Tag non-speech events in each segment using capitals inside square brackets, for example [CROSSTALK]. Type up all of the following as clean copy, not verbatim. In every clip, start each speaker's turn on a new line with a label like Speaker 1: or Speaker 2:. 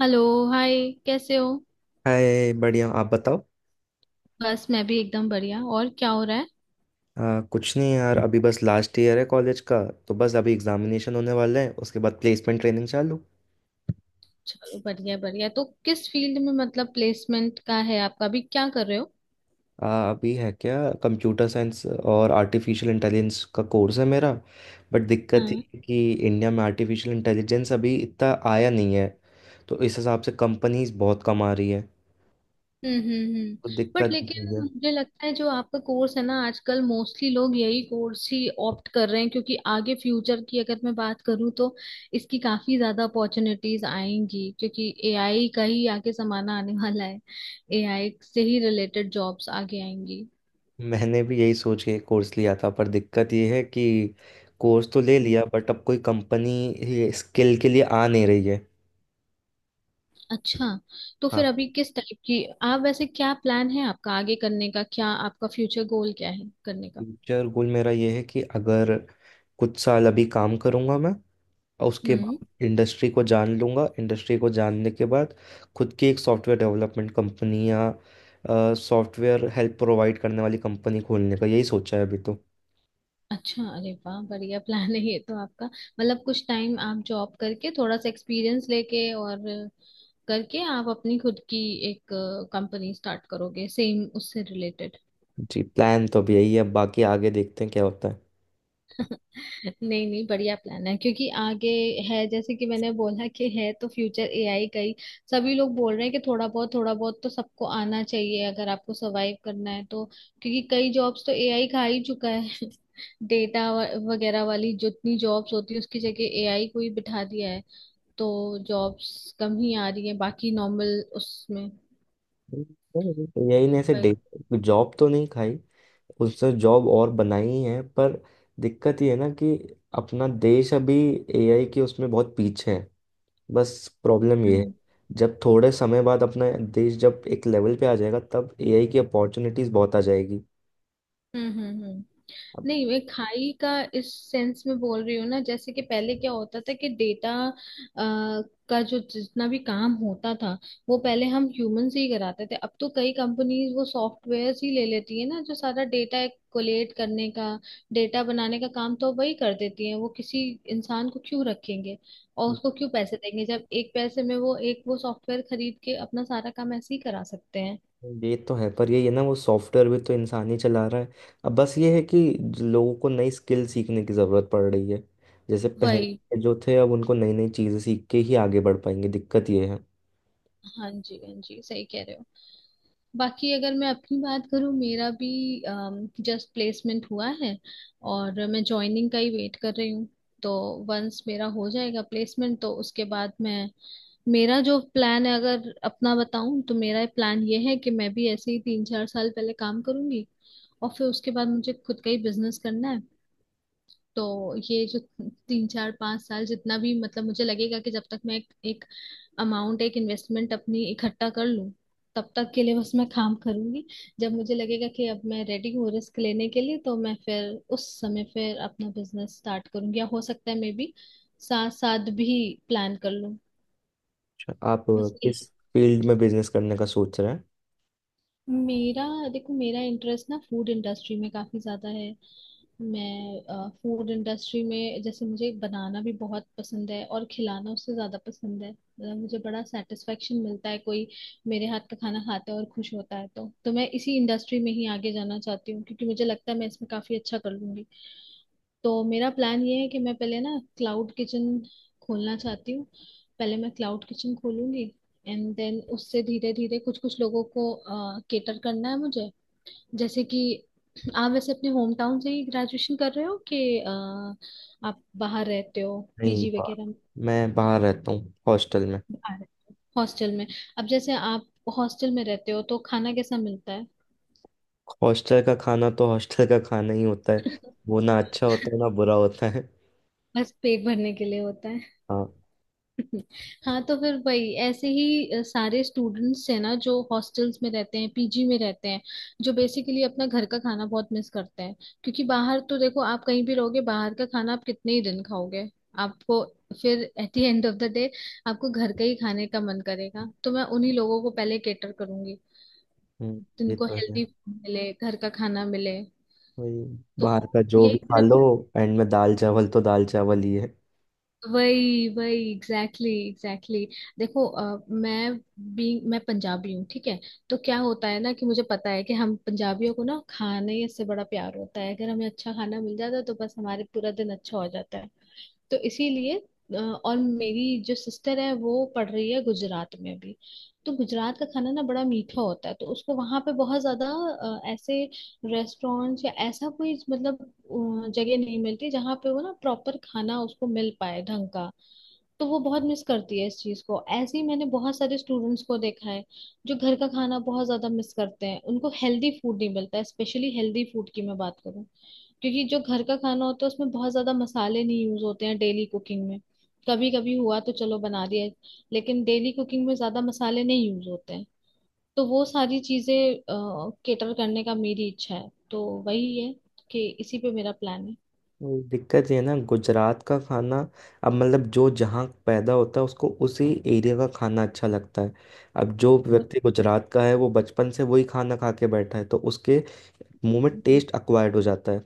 Speaker 1: Hello. Hi. कैसे हो?
Speaker 2: Hi, बढ़िया, आप बताओ।
Speaker 1: बस मैं भी एकदम बढ़िया। और क्या हो रहा है?
Speaker 2: कुछ नहीं यार, अभी बस लास्ट ईयर है कॉलेज का। तो बस अभी एग्जामिनेशन होने वाले हैं, उसके बाद प्लेसमेंट ट्रेनिंग चालू।
Speaker 1: चलो, बढ़िया बढ़िया। तो किस फील्ड में, मतलब प्लेसमेंट का है आपका? अभी क्या कर रहे हो?
Speaker 2: अभी है क्या, कंप्यूटर साइंस और आर्टिफिशियल इंटेलिजेंस का कोर्स है मेरा। बट दिक्कत ये
Speaker 1: हाँ।
Speaker 2: है कि इंडिया में आर्टिफिशियल इंटेलिजेंस अभी इतना आया नहीं है। तो इस हिसाब से कंपनीज बहुत कम आ रही है।
Speaker 1: हम्म।
Speaker 2: तो
Speaker 1: बट
Speaker 2: दिक्कत
Speaker 1: लेकिन
Speaker 2: यही है।
Speaker 1: मुझे लगता है जो आपका कोर्स है ना, आजकल मोस्टली लोग यही कोर्स ही ऑप्ट कर रहे हैं, क्योंकि आगे फ्यूचर की अगर मैं बात करूँ तो इसकी काफी ज्यादा अपॉर्चुनिटीज आएंगी, क्योंकि एआई का ही आगे जमाना आने वाला है। एआई से ही रिलेटेड जॉब्स आगे आएंगी।
Speaker 2: मैंने भी यही सोच के कोर्स लिया था, पर दिक्कत ये है कि कोर्स तो ले लिया बट अब कोई कंपनी स्किल के लिए आ नहीं रही है।
Speaker 1: अच्छा, तो
Speaker 2: हाँ।
Speaker 1: फिर अभी किस टाइप की आप, वैसे क्या प्लान है आपका आगे करने का? क्या आपका फ्यूचर गोल क्या है करने का?
Speaker 2: फ्यूचर गोल मेरा ये है कि अगर कुछ साल अभी काम करूंगा मैं और उसके
Speaker 1: हम्म।
Speaker 2: बाद इंडस्ट्री को जान लूंगा। इंडस्ट्री को जानने के बाद खुद की एक सॉफ्टवेयर डेवलपमेंट कंपनी या सॉफ्टवेयर हेल्प प्रोवाइड करने वाली कंपनी खोलने का, यही सोचा है अभी तो।
Speaker 1: अच्छा, अरे वाह, बढ़िया प्लान है ये तो आपका। मतलब कुछ टाइम आप जॉब करके, थोड़ा सा एक्सपीरियंस लेके, और करके आप अपनी खुद की एक कंपनी स्टार्ट करोगे सेम उससे रिलेटेड।
Speaker 2: जी, प्लान तो अभी यही है, बाकी आगे देखते हैं क्या होता है।
Speaker 1: नहीं नहीं, बढ़िया प्लान है, क्योंकि आगे है, जैसे कि मैंने बोला, कि है तो फ्यूचर एआई का ही। सभी लोग बोल रहे हैं कि थोड़ा बहुत तो सबको आना चाहिए, अगर आपको सरवाइव करना है तो, क्योंकि कई जॉब्स तो एआई खा ही चुका है [LAUGHS] डेटा वगैरह वाली जितनी जॉब्स होती है उसकी जगह एआई को ही बिठा दिया है। तो जॉब्स कम ही आ रही है, बाकी नॉर्मल उसमें।
Speaker 2: यही ने ऐसे डे। जॉब तो नहीं खाई। उसने जॉब और बनाई ही है, पर दिक्कत ये है ना कि अपना देश अभी एआई के उसमें बहुत पीछे है। बस प्रॉब्लम ये है।
Speaker 1: हम्म
Speaker 2: जब थोड़े समय बाद अपना देश जब एक लेवल पे आ जाएगा तब एआई की अपॉर्चुनिटीज बहुत आ जाएगी।
Speaker 1: हम्म। हम्म।
Speaker 2: अब,
Speaker 1: नहीं, मैं खाई का इस सेंस में बोल रही हूँ ना, जैसे कि पहले क्या होता था कि डेटा का जो जितना भी काम होता था वो पहले हम ह्यूमन से ही कराते थे। अब तो कई कंपनीज वो सॉफ्टवेयर ही ले लेती है ना, जो सारा डेटा कोलेट करने का, डेटा बनाने का काम तो वही कर देती है। वो किसी इंसान को क्यों रखेंगे और उसको क्यों पैसे देंगे जब एक पैसे में वो एक, वो सॉफ्टवेयर खरीद के अपना सारा काम ऐसे ही करा सकते हैं।
Speaker 2: ये तो है। पर ये है ना, वो सॉफ्टवेयर भी तो इंसान ही चला रहा है। अब बस ये है कि लोगों को नई स्किल सीखने की ज़रूरत पड़ रही है। जैसे पहले
Speaker 1: वही।
Speaker 2: के जो थे, अब उनको नई नई चीज़ें सीख के ही आगे बढ़ पाएंगे, दिक्कत ये है।
Speaker 1: हाँ जी हाँ जी, सही कह रहे हो। बाकी अगर मैं अपनी बात करूँ, मेरा भी जस्ट प्लेसमेंट हुआ है और मैं जॉइनिंग का ही वेट कर रही हूँ। तो वंस मेरा हो जाएगा प्लेसमेंट तो उसके बाद मैं, मेरा जो प्लान है, अगर अपना बताऊं तो, मेरा प्लान ये है कि मैं भी ऐसे ही तीन चार साल पहले काम करूंगी और फिर उसके बाद मुझे खुद का ही बिजनेस करना है। तो ये जो तीन चार पांच साल, जितना भी मतलब मुझे लगेगा कि जब तक मैं एक अमाउंट, एक इन्वेस्टमेंट अपनी इकट्ठा कर लूं, तब तक के लिए बस मैं काम करूंगी। जब मुझे लगेगा कि अब मैं रेडी हूँ रिस्क लेने के लिए, तो मैं फिर उस समय फिर अपना बिजनेस स्टार्ट करूंगी, या हो सकता है मे बी साथ साथ भी प्लान कर लूं।
Speaker 2: अच्छा, आप
Speaker 1: बस।
Speaker 2: किस फील्ड में बिजनेस करने का सोच रहे हैं?
Speaker 1: मेरा, देखो मेरा इंटरेस्ट ना फूड इंडस्ट्री में काफी ज्यादा है। मैं फूड इंडस्ट्री में जैसे, मुझे बनाना भी बहुत पसंद है और खिलाना उससे ज्यादा पसंद है। मतलब मुझे बड़ा सेटिस्फेक्शन मिलता है कोई मेरे हाथ का खाना खाता है और खुश होता है। तो मैं इसी इंडस्ट्री में ही आगे जाना चाहती हूँ, क्योंकि मुझे लगता है मैं इसमें काफी अच्छा कर लूंगी। तो मेरा प्लान ये है कि मैं पहले ना क्लाउड किचन खोलना चाहती हूँ। पहले मैं क्लाउड किचन खोलूंगी, एंड देन उससे धीरे धीरे कुछ कुछ लोगों को केटर करना है मुझे। जैसे कि, आप वैसे अपने होम टाउन से ही ग्रेजुएशन कर रहे हो कि आप बाहर रहते हो
Speaker 2: नहीं,
Speaker 1: पीजी
Speaker 2: बाहर,
Speaker 1: वगैरह में?
Speaker 2: मैं बाहर रहता हूँ हॉस्टल में।
Speaker 1: बाहर रहते हो हॉस्टल में। अब जैसे आप हॉस्टल में रहते हो तो खाना कैसा मिलता है?
Speaker 2: हॉस्टल का खाना तो हॉस्टल का खाना ही होता है। वो ना अच्छा होता है ना बुरा होता है।
Speaker 1: बस पेट भरने के लिए होता?
Speaker 2: हाँ।
Speaker 1: हाँ, तो फिर वही ऐसे ही सारे स्टूडेंट्स है ना, जो हॉस्टल्स में रहते हैं, पीजी में रहते हैं, जो बेसिकली अपना घर का खाना बहुत मिस करते हैं। क्योंकि बाहर तो देखो आप कहीं भी रहोगे, बाहर का खाना आप कितने ही दिन खाओगे, आपको फिर at the end of the day आपको घर का ही खाने का मन करेगा। तो मैं उन्हीं लोगों को पहले केटर करूंगी,
Speaker 2: हम्म, ये
Speaker 1: जिनको
Speaker 2: तो है।
Speaker 1: हेल्दी फूड मिले, घर का खाना मिले।
Speaker 2: वही।
Speaker 1: तो
Speaker 2: बाहर का जो भी
Speaker 1: यही
Speaker 2: खा
Speaker 1: मेरा,
Speaker 2: लो, एंड में दाल चावल तो दाल चावल ही है।
Speaker 1: वही वही एग्जैक्टली exactly, एग्जैक्टली exactly. देखो मैं पंजाबी हूँ, ठीक है? तो क्या होता है ना कि मुझे पता है कि हम पंजाबियों को ना खाने से बड़ा प्यार होता है। अगर हमें अच्छा खाना मिल जाता है तो बस हमारे पूरा दिन अच्छा हो जाता है। तो इसीलिए और मेरी जो सिस्टर है वो पढ़ रही है गुजरात में भी। तो गुजरात का खाना ना बड़ा मीठा होता है, तो उसको वहां पे बहुत ज्यादा ऐसे रेस्टोरेंट्स या ऐसा कोई मतलब जगह नहीं मिलती जहाँ पे वो ना प्रॉपर खाना उसको मिल पाए ढंग का। तो वो बहुत मिस करती है इस चीज को। ऐसे ही मैंने बहुत सारे स्टूडेंट्स को देखा है जो घर का खाना बहुत ज्यादा मिस करते हैं, उनको हेल्दी फूड नहीं मिलता। स्पेशली हेल्दी फूड की मैं बात करूँ, क्योंकि जो घर का खाना होता है उसमें बहुत ज्यादा मसाले नहीं यूज होते हैं डेली कुकिंग में। कभी कभी हुआ तो चलो बना दिया, लेकिन डेली कुकिंग में ज्यादा मसाले नहीं यूज होते हैं। तो वो सारी चीजें केटर करने का मेरी इच्छा है, तो वही है कि इसी पे मेरा प्लान है।
Speaker 2: वही दिक्कत ये है ना, गुजरात का खाना। अब मतलब जो जहाँ पैदा होता है उसको उसी एरिया का खाना अच्छा लगता है। अब जो
Speaker 1: वो।
Speaker 2: व्यक्ति गुजरात का है वो बचपन से वही खाना खा के बैठा है, तो उसके मुंह में टेस्ट अक्वायर्ड हो जाता है।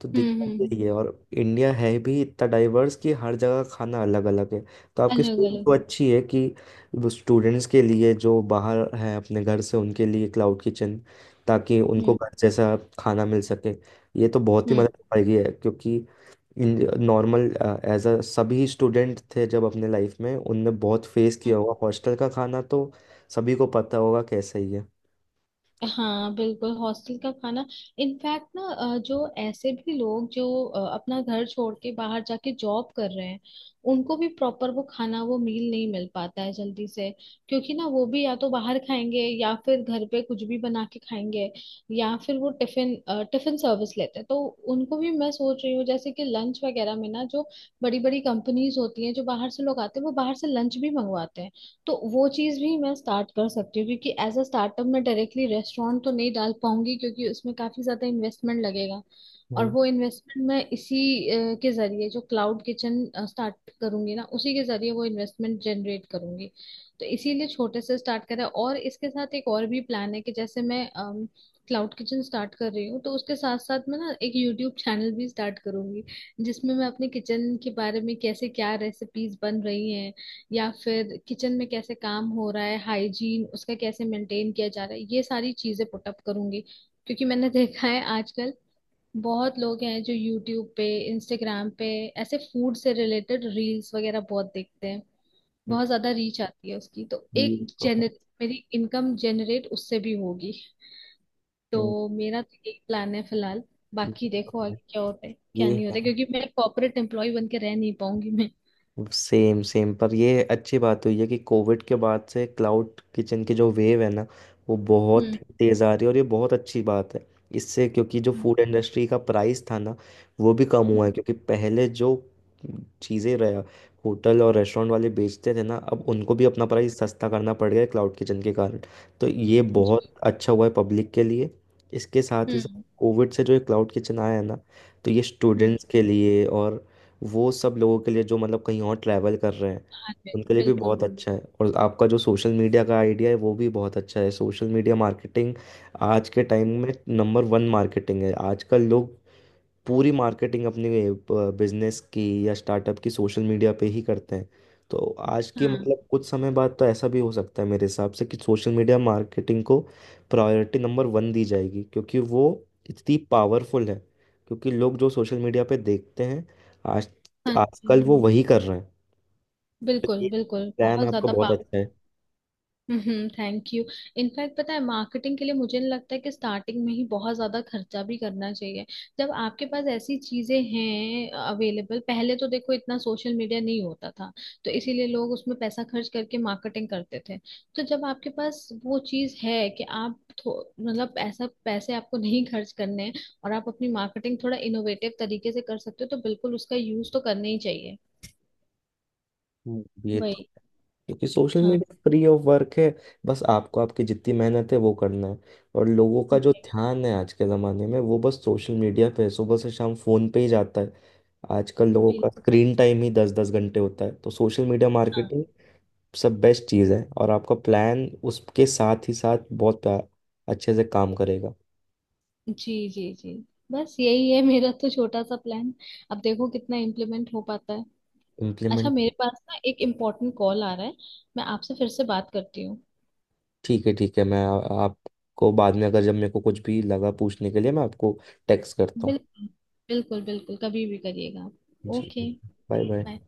Speaker 2: तो
Speaker 1: हम्म हम्म
Speaker 2: दिक्कत
Speaker 1: हम्म।
Speaker 2: यही है। और इंडिया है भी इतना डाइवर्स कि हर जगह खाना अलग अलग है। तो आपकी
Speaker 1: अलग
Speaker 2: सोच
Speaker 1: अलग।
Speaker 2: तो अच्छी है कि वो स्टूडेंट्स के लिए जो बाहर हैं अपने घर से, उनके लिए क्लाउड किचन, ताकि उनको
Speaker 1: हम्म।
Speaker 2: घर जैसा खाना मिल सके। ये तो बहुत ही
Speaker 1: हम्म।
Speaker 2: मदद पाएगी है क्योंकि नॉर्मल एज अ सभी स्टूडेंट थे जब अपने लाइफ में, उनने बहुत फेस किया होगा हॉस्टल का खाना। तो सभी को पता होगा कैसा ही है।
Speaker 1: हाँ, बिल्कुल। हॉस्टल का खाना। इनफैक्ट ना जो ऐसे भी लोग जो अपना घर छोड़ के बाहर जाके जॉब कर रहे हैं, उनको भी प्रॉपर वो खाना, वो मील नहीं मिल पाता है जल्दी से, क्योंकि ना वो भी या तो बाहर खाएंगे या फिर घर पे कुछ भी बना के खाएंगे, या फिर वो टिफिन टिफिन सर्विस लेते हैं। तो उनको भी मैं सोच रही हूँ जैसे कि लंच वगैरह में ना, जो बड़ी बड़ी कंपनीज होती हैं, जो बाहर से लोग आते हैं, वो बाहर से लंच भी मंगवाते हैं। तो वो चीज भी मैं स्टार्ट कर सकती हूँ, क्योंकि एज अ स्टार्टअप मैं डायरेक्टली रेस्टोरेंट तो नहीं डाल पाऊंगी, क्योंकि उसमें काफी ज्यादा इन्वेस्टमेंट लगेगा। और
Speaker 2: हम्म,
Speaker 1: वो इन्वेस्टमेंट मैं इसी के जरिए, जो क्लाउड किचन स्टार्ट करूंगी ना, उसी के जरिए वो इन्वेस्टमेंट जनरेट करूंगी। तो इसीलिए छोटे से स्टार्ट करा। और इसके साथ एक और भी प्लान है कि जैसे मैं क्लाउड किचन स्टार्ट कर रही हूँ, तो उसके साथ साथ मैं ना एक यूट्यूब चैनल भी स्टार्ट करूंगी, जिसमें मैं अपने किचन के बारे में, कैसे क्या रेसिपीज बन रही हैं या फिर किचन में कैसे काम हो रहा है, हाइजीन उसका कैसे मेंटेन किया जा रहा है, ये सारी चीजें पुटअप करूंगी। क्योंकि मैंने [LAUGHS] देखा है आजकल बहुत लोग हैं जो यूट्यूब पे, इंस्टाग्राम पे ऐसे फूड से रिलेटेड रील्स वगैरह बहुत देखते हैं।
Speaker 2: हम्म,
Speaker 1: बहुत ज्यादा रीच आती है उसकी, तो एक
Speaker 2: ये तो है।
Speaker 1: जेनर, मेरी इनकम जनरेट उससे भी होगी।
Speaker 2: हम्म।
Speaker 1: तो मेरा तो यही प्लान है फिलहाल।
Speaker 2: ये
Speaker 1: बाकी
Speaker 2: तो
Speaker 1: देखो आगे
Speaker 2: है।
Speaker 1: क्या होता है क्या
Speaker 2: ये
Speaker 1: नहीं होता
Speaker 2: है।
Speaker 1: है, क्योंकि मैं कॉर्पोरेट एम्प्लॉय बन के रह नहीं पाऊंगी मैं।
Speaker 2: Same same. पर ये अच्छी बात हुई है कि कोविड के बाद से क्लाउड किचन की जो वेव है ना, वो बहुत
Speaker 1: हम्म
Speaker 2: ही तेज़ आ रही है, और ये बहुत अच्छी बात है। इससे, क्योंकि जो
Speaker 1: हम्म
Speaker 2: फूड इंडस्ट्री का प्राइस था ना, वो भी कम हुआ
Speaker 1: हम्म।
Speaker 2: है। क्योंकि पहले जो चीज़ें रहा, होटल और रेस्टोरेंट वाले बेचते थे ना, अब उनको भी अपना प्राइस सस्ता करना पड़ गया क्लाउड किचन के कारण। तो ये बहुत
Speaker 1: जी,
Speaker 2: अच्छा हुआ है पब्लिक के लिए। इसके साथ ही साथ,
Speaker 1: हम्म
Speaker 2: कोविड से जो ये क्लाउड किचन आया है ना, तो ये
Speaker 1: हम्म।
Speaker 2: स्टूडेंट्स के लिए और वो सब लोगों के लिए जो मतलब कहीं और ट्रैवल कर रहे हैं,
Speaker 1: हाँ जी,
Speaker 2: उनके लिए भी
Speaker 1: बिल्कुल
Speaker 2: बहुत
Speaker 1: बिल्कुल।
Speaker 2: अच्छा है। और आपका जो सोशल मीडिया का आइडिया है, वो भी बहुत अच्छा है। सोशल मीडिया मार्केटिंग आज के टाइम में नंबर 1 मार्केटिंग है। आजकल लोग पूरी मार्केटिंग अपने बिजनेस की या स्टार्टअप की सोशल मीडिया पे ही करते हैं। तो आज के,
Speaker 1: हाँ।
Speaker 2: मतलब कुछ समय बाद तो ऐसा भी हो सकता है मेरे हिसाब से कि सोशल मीडिया मार्केटिंग को प्रायोरिटी नंबर 1 दी जाएगी, क्योंकि वो इतनी पावरफुल है। क्योंकि लोग जो सोशल मीडिया पे देखते हैं, आज
Speaker 1: हाँ
Speaker 2: आजकल
Speaker 1: जी।
Speaker 2: वो वही कर रहे हैं। तो
Speaker 1: बिल्कुल
Speaker 2: ये
Speaker 1: बिल्कुल,
Speaker 2: प्लान
Speaker 1: बहुत
Speaker 2: आपका
Speaker 1: ज्यादा
Speaker 2: बहुत
Speaker 1: पावर।
Speaker 2: अच्छा है।
Speaker 1: हम्म, थैंक यू। इनफैक्ट पता है मार्केटिंग के लिए मुझे नहीं लगता है कि स्टार्टिंग में ही बहुत ज्यादा खर्चा भी करना चाहिए। जब आपके पास ऐसी चीजें हैं अवेलेबल, पहले तो देखो इतना सोशल मीडिया नहीं होता था, तो इसीलिए लोग उसमें पैसा खर्च करके मार्केटिंग करते थे। तो जब आपके पास वो चीज है कि आप मतलब ऐसा पैसे आपको नहीं खर्च करने हैं, और आप अपनी मार्केटिंग थोड़ा इनोवेटिव तरीके से कर सकते हो, तो बिल्कुल उसका यूज तो करना ही चाहिए।
Speaker 2: हम्म। ये तो,
Speaker 1: वही।
Speaker 2: क्योंकि सोशल
Speaker 1: हाँ।
Speaker 2: मीडिया फ्री ऑफ वर्क है। बस आपको, आपकी जितनी मेहनत है वो करना है। और लोगों का जो ध्यान है आज के ज़माने में वो बस सोशल मीडिया पे है, सुबह से शाम फ़ोन पे ही जाता है। आजकल लोगों
Speaker 1: बिल,
Speaker 2: का स्क्रीन टाइम ही 10-10 घंटे होता है, तो सोशल मीडिया
Speaker 1: हाँ
Speaker 2: मार्केटिंग सब बेस्ट चीज़ है। और आपका प्लान उसके साथ ही साथ बहुत अच्छे से काम करेगा।
Speaker 1: जी। जी जी। बस यही है मेरा तो छोटा सा प्लान। अब देखो कितना इम्प्लीमेंट हो पाता है। अच्छा,
Speaker 2: इम्प्लीमेंट।
Speaker 1: मेरे पास ना एक इम्पोर्टेंट कॉल आ रहा है, मैं आपसे फिर से बात करती हूँ।
Speaker 2: ठीक है, ठीक है, मैं आपको बाद में अगर जब मेरे को कुछ भी लगा पूछने के लिए, मैं आपको टेक्स्ट करता हूँ।
Speaker 1: बिल्कुल। बिल्कुल बिल्कुल, कभी भी करिएगा आप।
Speaker 2: जी।
Speaker 1: ओके।
Speaker 2: Bye bye.
Speaker 1: बाय।